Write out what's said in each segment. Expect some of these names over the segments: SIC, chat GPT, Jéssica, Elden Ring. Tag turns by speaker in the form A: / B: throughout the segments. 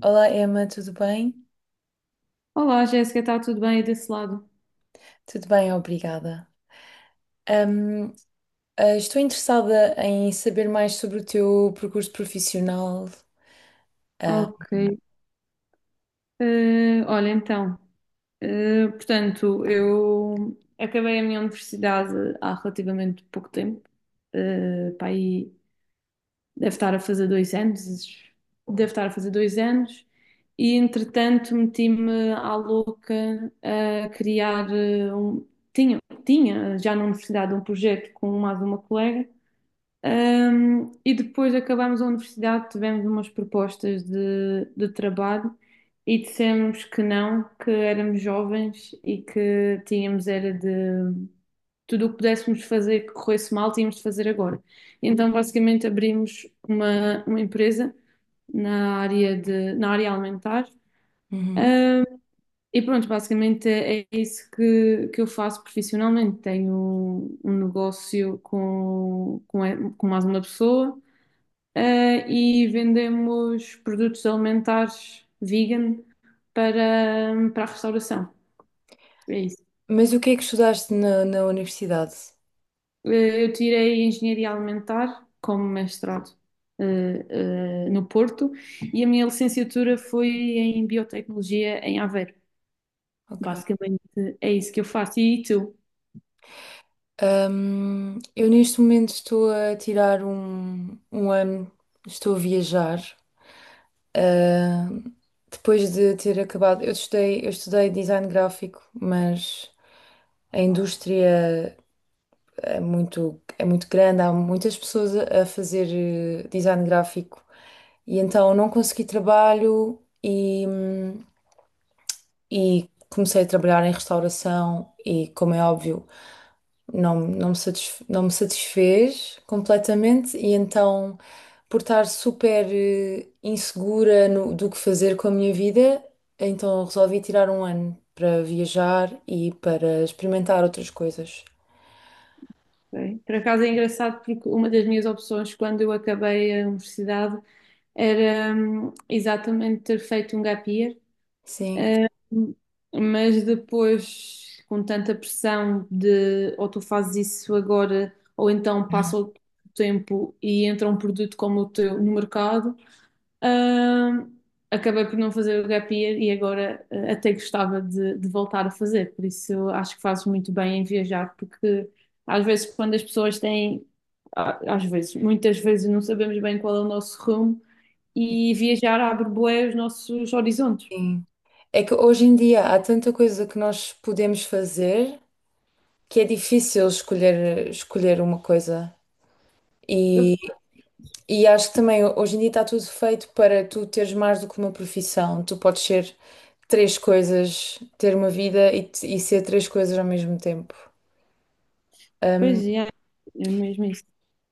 A: Olá, Emma, tudo bem?
B: Olá, Jéssica, está tudo bem aí desse lado?
A: Tudo bem, obrigada. Ahm, estou interessada em saber mais sobre o teu percurso profissional. Ah,
B: Ok. Olha, então, portanto, eu acabei a minha universidade há relativamente pouco tempo. Pá, aí deve estar a fazer dois anos. Deve estar a fazer dois anos. E, entretanto, meti-me à louca a criar um... Tinha, tinha já na universidade um projeto com mais uma colega. E depois acabámos a universidade, tivemos umas propostas de trabalho e dissemos que não, que éramos jovens e que tínhamos era de tudo o que pudéssemos fazer que corresse mal, tínhamos de fazer agora. Então, basicamente, abrimos uma empresa na área na área alimentar.
A: uhum.
B: Um, e pronto, basicamente é isso que eu faço profissionalmente. Tenho um negócio com mais uma pessoa eh, e vendemos produtos alimentares vegan para a restauração. É isso.
A: Mas o que é que estudaste na universidade?
B: Eu tirei Engenharia Alimentar como mestrado, no Porto, e a minha licenciatura foi em Biotecnologia em Aveiro.
A: Ok.
B: Basicamente é isso que eu faço. E tu?
A: Eu neste momento estou a tirar um ano, estou a viajar. Ah, depois de ter acabado, eu estudei design gráfico, mas a indústria é muito grande, há muitas pessoas a fazer design gráfico e então não consegui trabalho e comecei a trabalhar em restauração e, como é óbvio, não me satisfez completamente e então, por estar super insegura do que fazer com a minha vida, então resolvi tirar um ano para viajar e para experimentar outras coisas.
B: Ok. Por acaso é engraçado porque uma das minhas opções quando eu acabei a universidade era exatamente ter feito um gap year,
A: Sim.
B: hum, mas depois com tanta pressão de ou tu fazes isso agora ou então passa o tempo e entra um produto como o teu no mercado. Ahm, Acabei por não fazer o gap year e agora até gostava de voltar a fazer, por isso eu acho que fazes muito bem em viajar, porque às vezes quando as às vezes, muitas vezes não sabemos bem qual é o nosso rumo e viajar abre bué os nossos horizontes.
A: Sim. É que hoje em dia há tanta coisa que nós podemos fazer que é difícil escolher uma coisa.
B: Eu,
A: E, e acho que também hoje em dia está tudo feito para tu teres mais do que uma profissão. Tu podes ser três coisas, ter uma vida e ser três coisas ao mesmo tempo.
B: Pois,
A: Ahm,
B: yeah, é mesmo isso.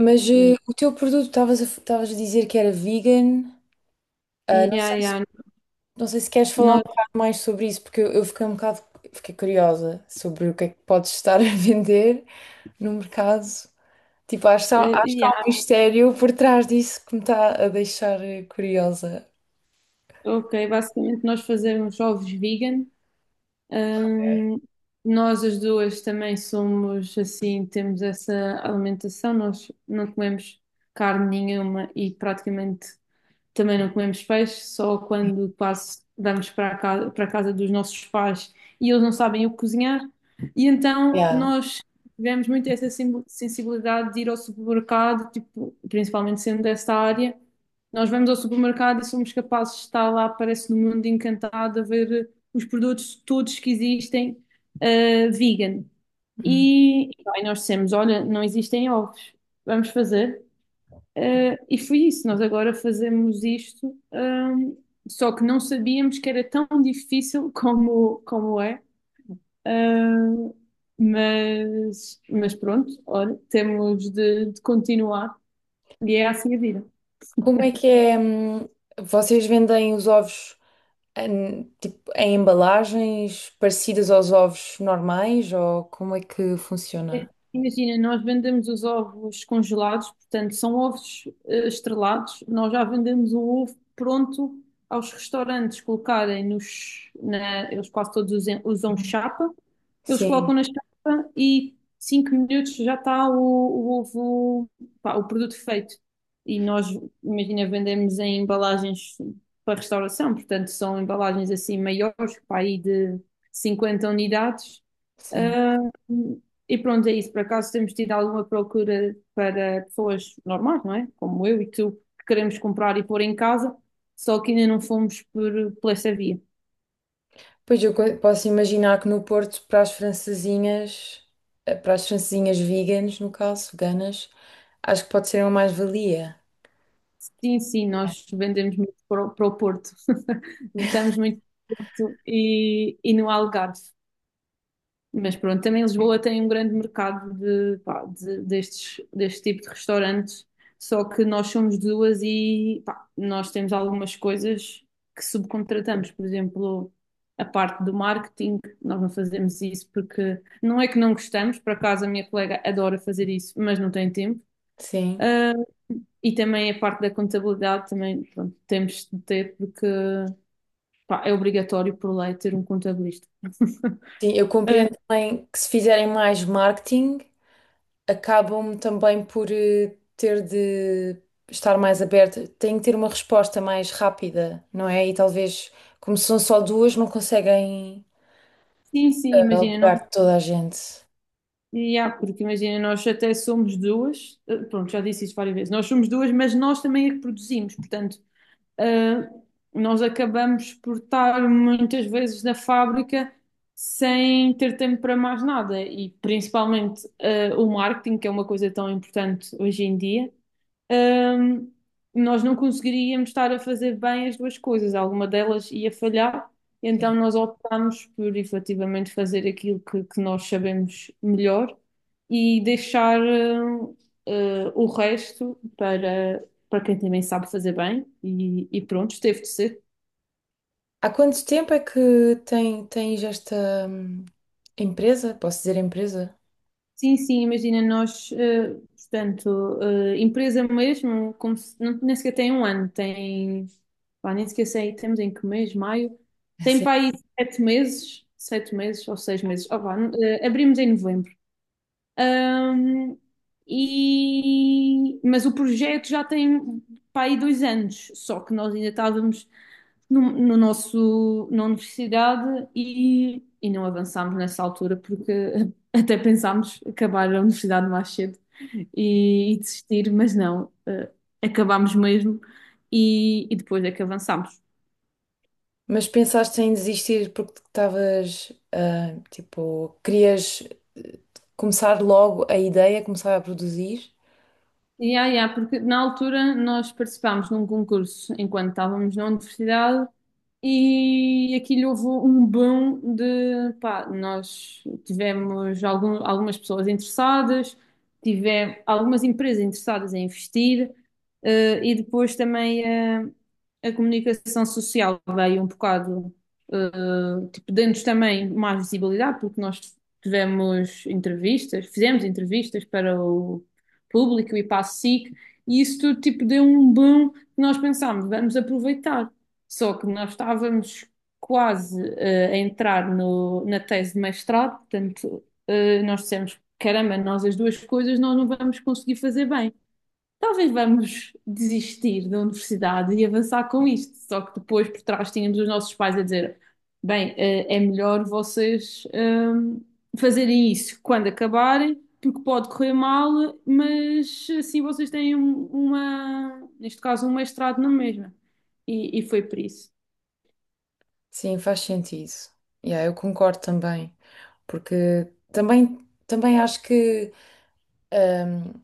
A: mas
B: Eh,
A: o teu produto, estavas a dizer que era vegan. Ah, não
B: Yeah,
A: sei.
B: yeah.
A: Não sei se queres falar um
B: Nós,
A: bocado mais sobre isso, porque eu fiquei um bocado, fiquei curiosa sobre o que é que podes estar a vender no mercado. Tipo, acho que
B: yeah,
A: há um mistério por trás disso que me está a deixar curiosa.
B: ok, basicamente nós fazemos ovos vegan. Hum, nós as duas também somos assim, temos essa alimentação, nós não comemos carne nenhuma e praticamente. Também não comemos peixe, só quando quase damos para a casa dos nossos pais e eles não sabem o que cozinhar. E então
A: Yeah.
B: nós tivemos muito essa sensibilidade de ir ao supermercado, tipo, principalmente sendo desta área. Nós vamos ao supermercado e somos capazes de estar lá, parece no mundo encantado, a ver os produtos todos que existem, vegan.
A: Hum.
B: E nós dissemos: Olha, não existem ovos, vamos fazer. E foi isso, nós agora fazemos isto, só que não sabíamos que era tão difícil como, como é. Ah, mas pronto, olha, temos de continuar e é assim a vida.
A: Como é que é? Vocês vendem os ovos em, tipo, em embalagens parecidas aos ovos normais ou como é que funciona?
B: Imagina, nós vendemos os ovos congelados, portanto, são ovos estrelados. Nós já vendemos o ovo pronto aos restaurantes colocarem eles quase todos usam chapa. Eles
A: Sim,
B: colocam na chapa e 5 minutos já está o ovo, pá, o produto feito. E nós, imagina, vendemos em embalagens para restauração, portanto, são embalagens assim maiores, para aí de 50 unidades.
A: sim.
B: Ah, e pronto, é isso. Por acaso temos tido alguma procura para pessoas normais, não é? Como eu e tu, que queremos comprar e pôr em casa, só que ainda não fomos por essa via.
A: Pois posso imaginar que no Porto, para as francesinhas, no caso, veganas, acho que pode ser uma mais-valia.
B: Sim, sim, nós vendemos muito para para o Porto. Estamos muito no Porto e no Algarve. Mas pronto, também Lisboa tem um grande mercado de, pá, deste tipo de restaurantes, só que nós somos duas e pá, nós temos algumas coisas que subcontratamos, por exemplo, a parte do marketing, nós não fazemos isso porque não é que não gostamos, por acaso a minha colega adora fazer isso, mas não tem tempo.
A: Sim.
B: Ah, e também a parte da contabilidade também, pronto, temos de ter porque pá, é obrigatório por lei ter um contabilista.
A: Sim, eu
B: Ah,
A: compreendo também que se fizerem mais marketing, acabam também por ter de estar mais aberta, têm que ter uma resposta mais rápida, não é? E talvez, como são só duas, não conseguem
B: sim, sim, imagina.
A: alugar toda a gente.
B: E há, porque imagina, nós até somos duas, pronto, já disse isto várias vezes, nós somos duas, mas nós também é que produzimos, portanto, eh, nós acabamos por estar muitas vezes na fábrica sem ter tempo para mais nada, e principalmente o marketing, que é uma coisa tão importante hoje em dia, hum, nós não conseguiríamos estar a fazer bem as duas coisas, alguma delas ia falhar, então nós optámos por efetivamente fazer aquilo que nós sabemos melhor e deixar o resto para, para quem também sabe fazer bem e pronto, teve de ser.
A: Há quanto tempo é que tens esta empresa? Posso dizer empresa?
B: Sim, sim, imagina, portanto, empresa mesmo, como não, nem sequer tem um ano, tem, pá, nem sequer sei, temos em que mês, maio, tem
A: Sim.
B: para aí sete meses ou seis meses, ó pá, abrimos em novembro. Ahm, Mas o projeto já tem para aí dois anos, só que nós ainda estávamos no nosso, na universidade e não avançámos nessa altura porque até pensámos acabar a universidade mais cedo e desistir, mas não, acabámos mesmo e depois é que avançámos.
A: Mas pensaste em desistir porque estavas, ah, tipo, querias eh, começar logo a ideia, começar a produzir?
B: E há, e porque na altura nós participámos num concurso enquanto estávamos na universidade e aquilo houve um boom de, pá, nós tivemos algumas pessoas interessadas, tivemos algumas empresas interessadas em investir, e depois também comunicação social veio um bocado, tipo, dando-nos também mais visibilidade, porque nós tivemos entrevistas, fizemos entrevistas para o público e para a SIC, e isso tudo, tipo, deu um boom que nós pensámos, vamos aproveitar. Só que nós estávamos quase a entrar na tese de mestrado, portanto, nós dissemos, caramba, nós as duas coisas nós não vamos conseguir fazer bem. Talvez vamos desistir da universidade e avançar com isto. Só que depois por trás tínhamos os nossos pais a dizer, bem, é melhor vocês fazerem isso quando acabarem, porque pode correr mal, mas assim vocês têm uma, neste caso, um mestrado na mesma. E foi por isso.
A: Sim, faz sentido. Yeah, eu concordo também, porque também acho que hum,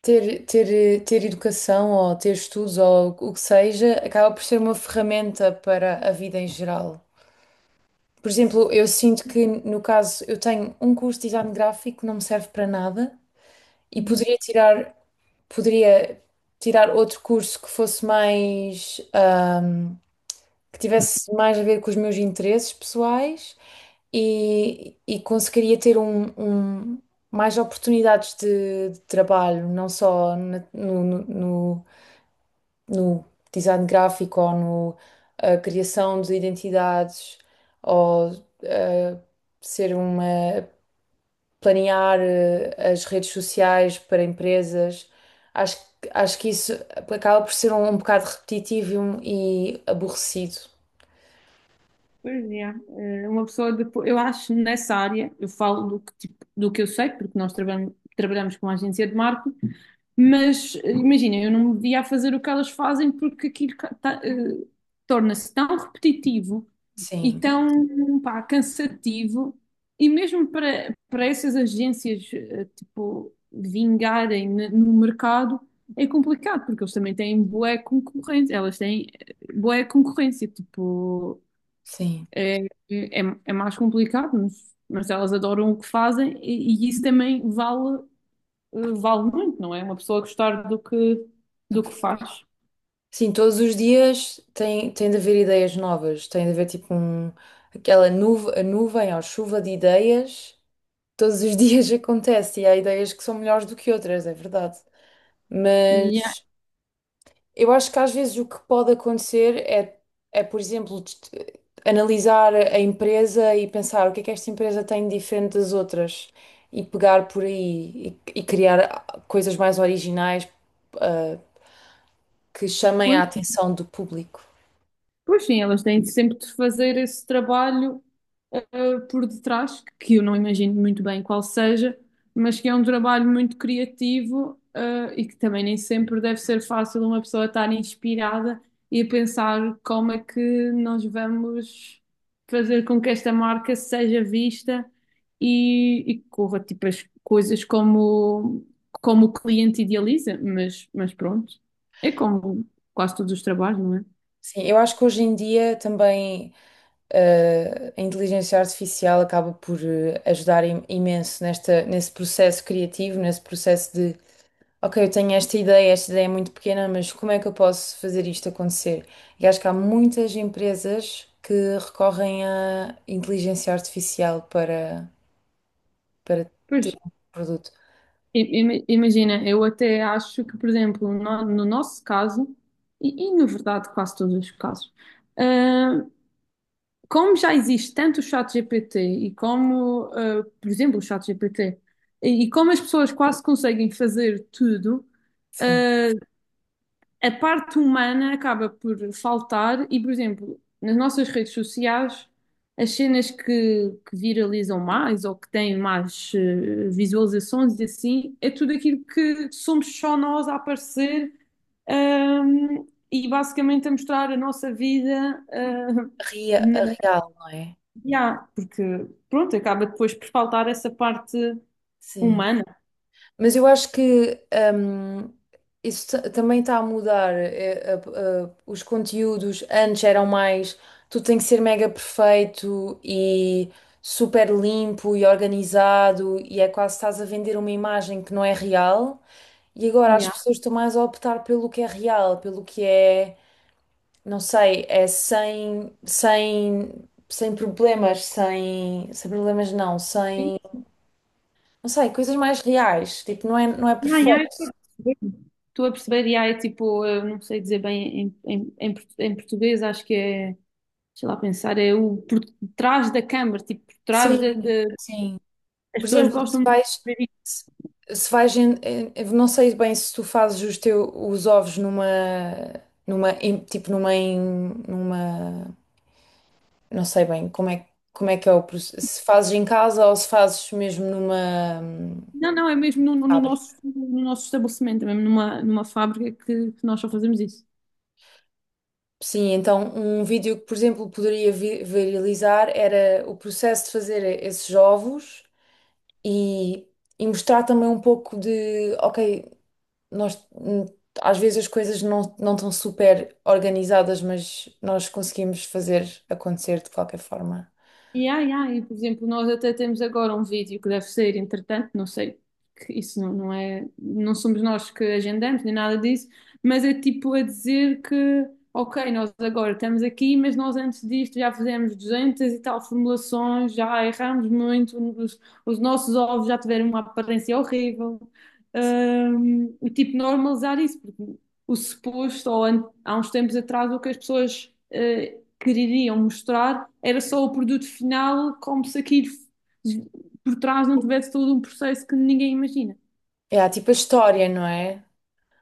A: ter educação ou ter estudos ou o que seja acaba por ser uma ferramenta para a vida em geral. Por exemplo, eu sinto que, no caso, eu tenho um curso de design gráfico que não me serve para nada e
B: Uhum.
A: poderia tirar outro curso que fosse mais, que tivesse mais a ver com os meus interesses pessoais e conseguiria ter um- mais oportunidades de trabalho, não só no design gráfico ou no a criação de identidades ou eh, ser uma planear as redes sociais para empresas. Acho que isso acaba por ser um bocado repetitivo e aborrecido.
B: Pois é, uma pessoa depois, eu acho nessa área, eu falo do que, tipo, do que eu sei, porque nós trabalhamos, trabalhamos com uma agência de marketing, mas imagina, eu não me via a fazer o que elas fazem porque aquilo ca- tá, eh, torna-se tão repetitivo e
A: Sim,
B: tão, pá, cansativo, e mesmo para, para essas agências, tipo, vingarem no mercado, é complicado, porque eles também têm bué concorrência, elas têm bué concorrência, tipo.
A: sim.
B: É, é, é mais complicado, mas elas adoram o que fazem e isso também vale, vale muito, não é? Uma pessoa gostar do que faz.
A: Sim, todos os dias tem de haver ideias novas, tem de haver tipo a nuvem ou chuva de ideias. Todos os dias acontece e há ideias que são melhores do que outras, é verdade.
B: E é-
A: Mas eu acho que às vezes o que pode acontecer é por exemplo, analisar a empresa e pensar o que é que esta empresa tem de diferente das outras e pegar por aí e criar coisas mais originais, ah, que chamem a
B: depois
A: atenção do público.
B: pois sim, elas têm sempre de fazer esse trabalho por detrás, que eu não imagino muito bem qual seja, mas que é um trabalho muito criativo e que também nem sempre deve ser fácil uma pessoa estar inspirada e a pensar como é que nós vamos fazer com que esta marca seja vista e corra tipo as coisas como, como o cliente idealiza, mas pronto, é como quase todos os trabalhos, não é?
A: Sim, eu acho que hoje em dia também. A inteligência artificial acaba por ajudar imenso nesse processo criativo, nesse processo de, ok, eu tenho esta ideia é muito pequena, mas como é que eu posso fazer isto acontecer? E acho que há muitas empresas que recorrem à inteligência artificial para
B: Pois,
A: ter um produto.
B: imagina, eu até acho que, por exemplo, no nosso caso, e na verdade quase todos os casos, ah, como já existe tanto o chat GPT e como, por exemplo, o chat GPT, e como as pessoas quase conseguem fazer tudo,
A: Sim.
B: hum, a parte humana acaba por faltar e, por exemplo, nas nossas redes sociais, as cenas que viralizam mais ou que têm mais visualizações e assim, é tudo aquilo que somos só nós a aparecer, ahm, e basicamente a mostrar a nossa vida, na,
A: A real, não é?
B: yeah, porque pronto, acaba depois por faltar essa parte
A: Sim.
B: humana.
A: Mas eu acho que hum, isso também está a mudar. Os conteúdos antes eram mais tudo tem que ser mega perfeito e super limpo e organizado, e é quase estás a vender uma imagem que não é real. E agora as
B: Yeah.
A: pessoas estão mais a optar pelo que é real, pelo que não sei, é sem problemas, não sei, coisas mais reais. Tipo, não é
B: Yeah, yeah, eu
A: perfeito.
B: estou a perceber. Estou a perceber, e é tipo, eu não sei dizer bem em português, acho que é, sei lá pensar, é o por trás da câmara, tipo, por trás
A: Sim, sim.
B: as
A: Por
B: pessoas
A: exemplo,
B: gostam de ver isso.
A: se, se vais eu não sei bem se tu fazes os teus os ovos numa numa em- tipo numa em- numa não sei bem como é que é o processo, se fazes em casa ou se fazes mesmo numa
B: Não, não, é mesmo no
A: fábrica.
B: nosso, no nosso estabelecimento, é mesmo numa fábrica que nós só fazemos isso.
A: Sim, então um vídeo que, por exemplo, poderia viralizar era o processo de fazer esses ovos e, e mostrar também um pouco de, ok, nós às vezes as coisas não estão super organizadas, mas nós conseguimos fazer acontecer de qualquer forma.
B: E, ai, ai, por exemplo, nós até temos agora um vídeo que deve ser, entretanto, não sei, que isso não, não é, não somos nós que agendamos nem nada disso, mas é tipo a dizer que, ok, nós agora estamos aqui, mas nós antes disto já fizemos 200 e tal formulações, já erramos muito, os nossos ovos já tiveram uma aparência horrível. E tipo, normalizar isso, porque o suposto, há uns tempos atrás, o que as pessoas. Quereriam mostrar, era só o produto final, como se aquilo por trás não tivesse todo um processo que ninguém imagina.
A: É, há tipo a história, não é?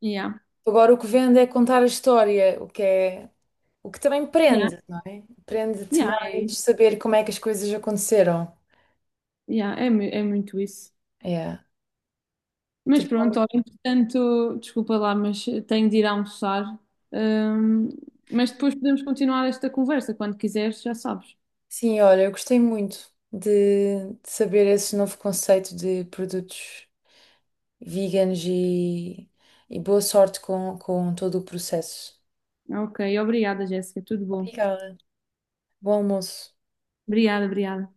B: Yeah,
A: Agora o que vende é contar a história, o que é, o que também
B: yeah,
A: prende, não é? Prende-te
B: yeah, é,
A: mais saber como é que as coisas aconteceram.
B: yeah, é muito isso.
A: É.
B: Mas
A: Tipo,
B: pronto, olha, entretanto, desculpa lá, mas tenho de ir almoçar. Hum, mas depois podemos continuar esta conversa, quando quiseres, já sabes.
A: sim, olha, eu gostei muito de saber esse novo conceito de produtos veganos e boa sorte com todo o processo.
B: Ok, obrigada, Jéssica, tudo bom.
A: Obrigada. Bom almoço.
B: Obrigada, obrigada.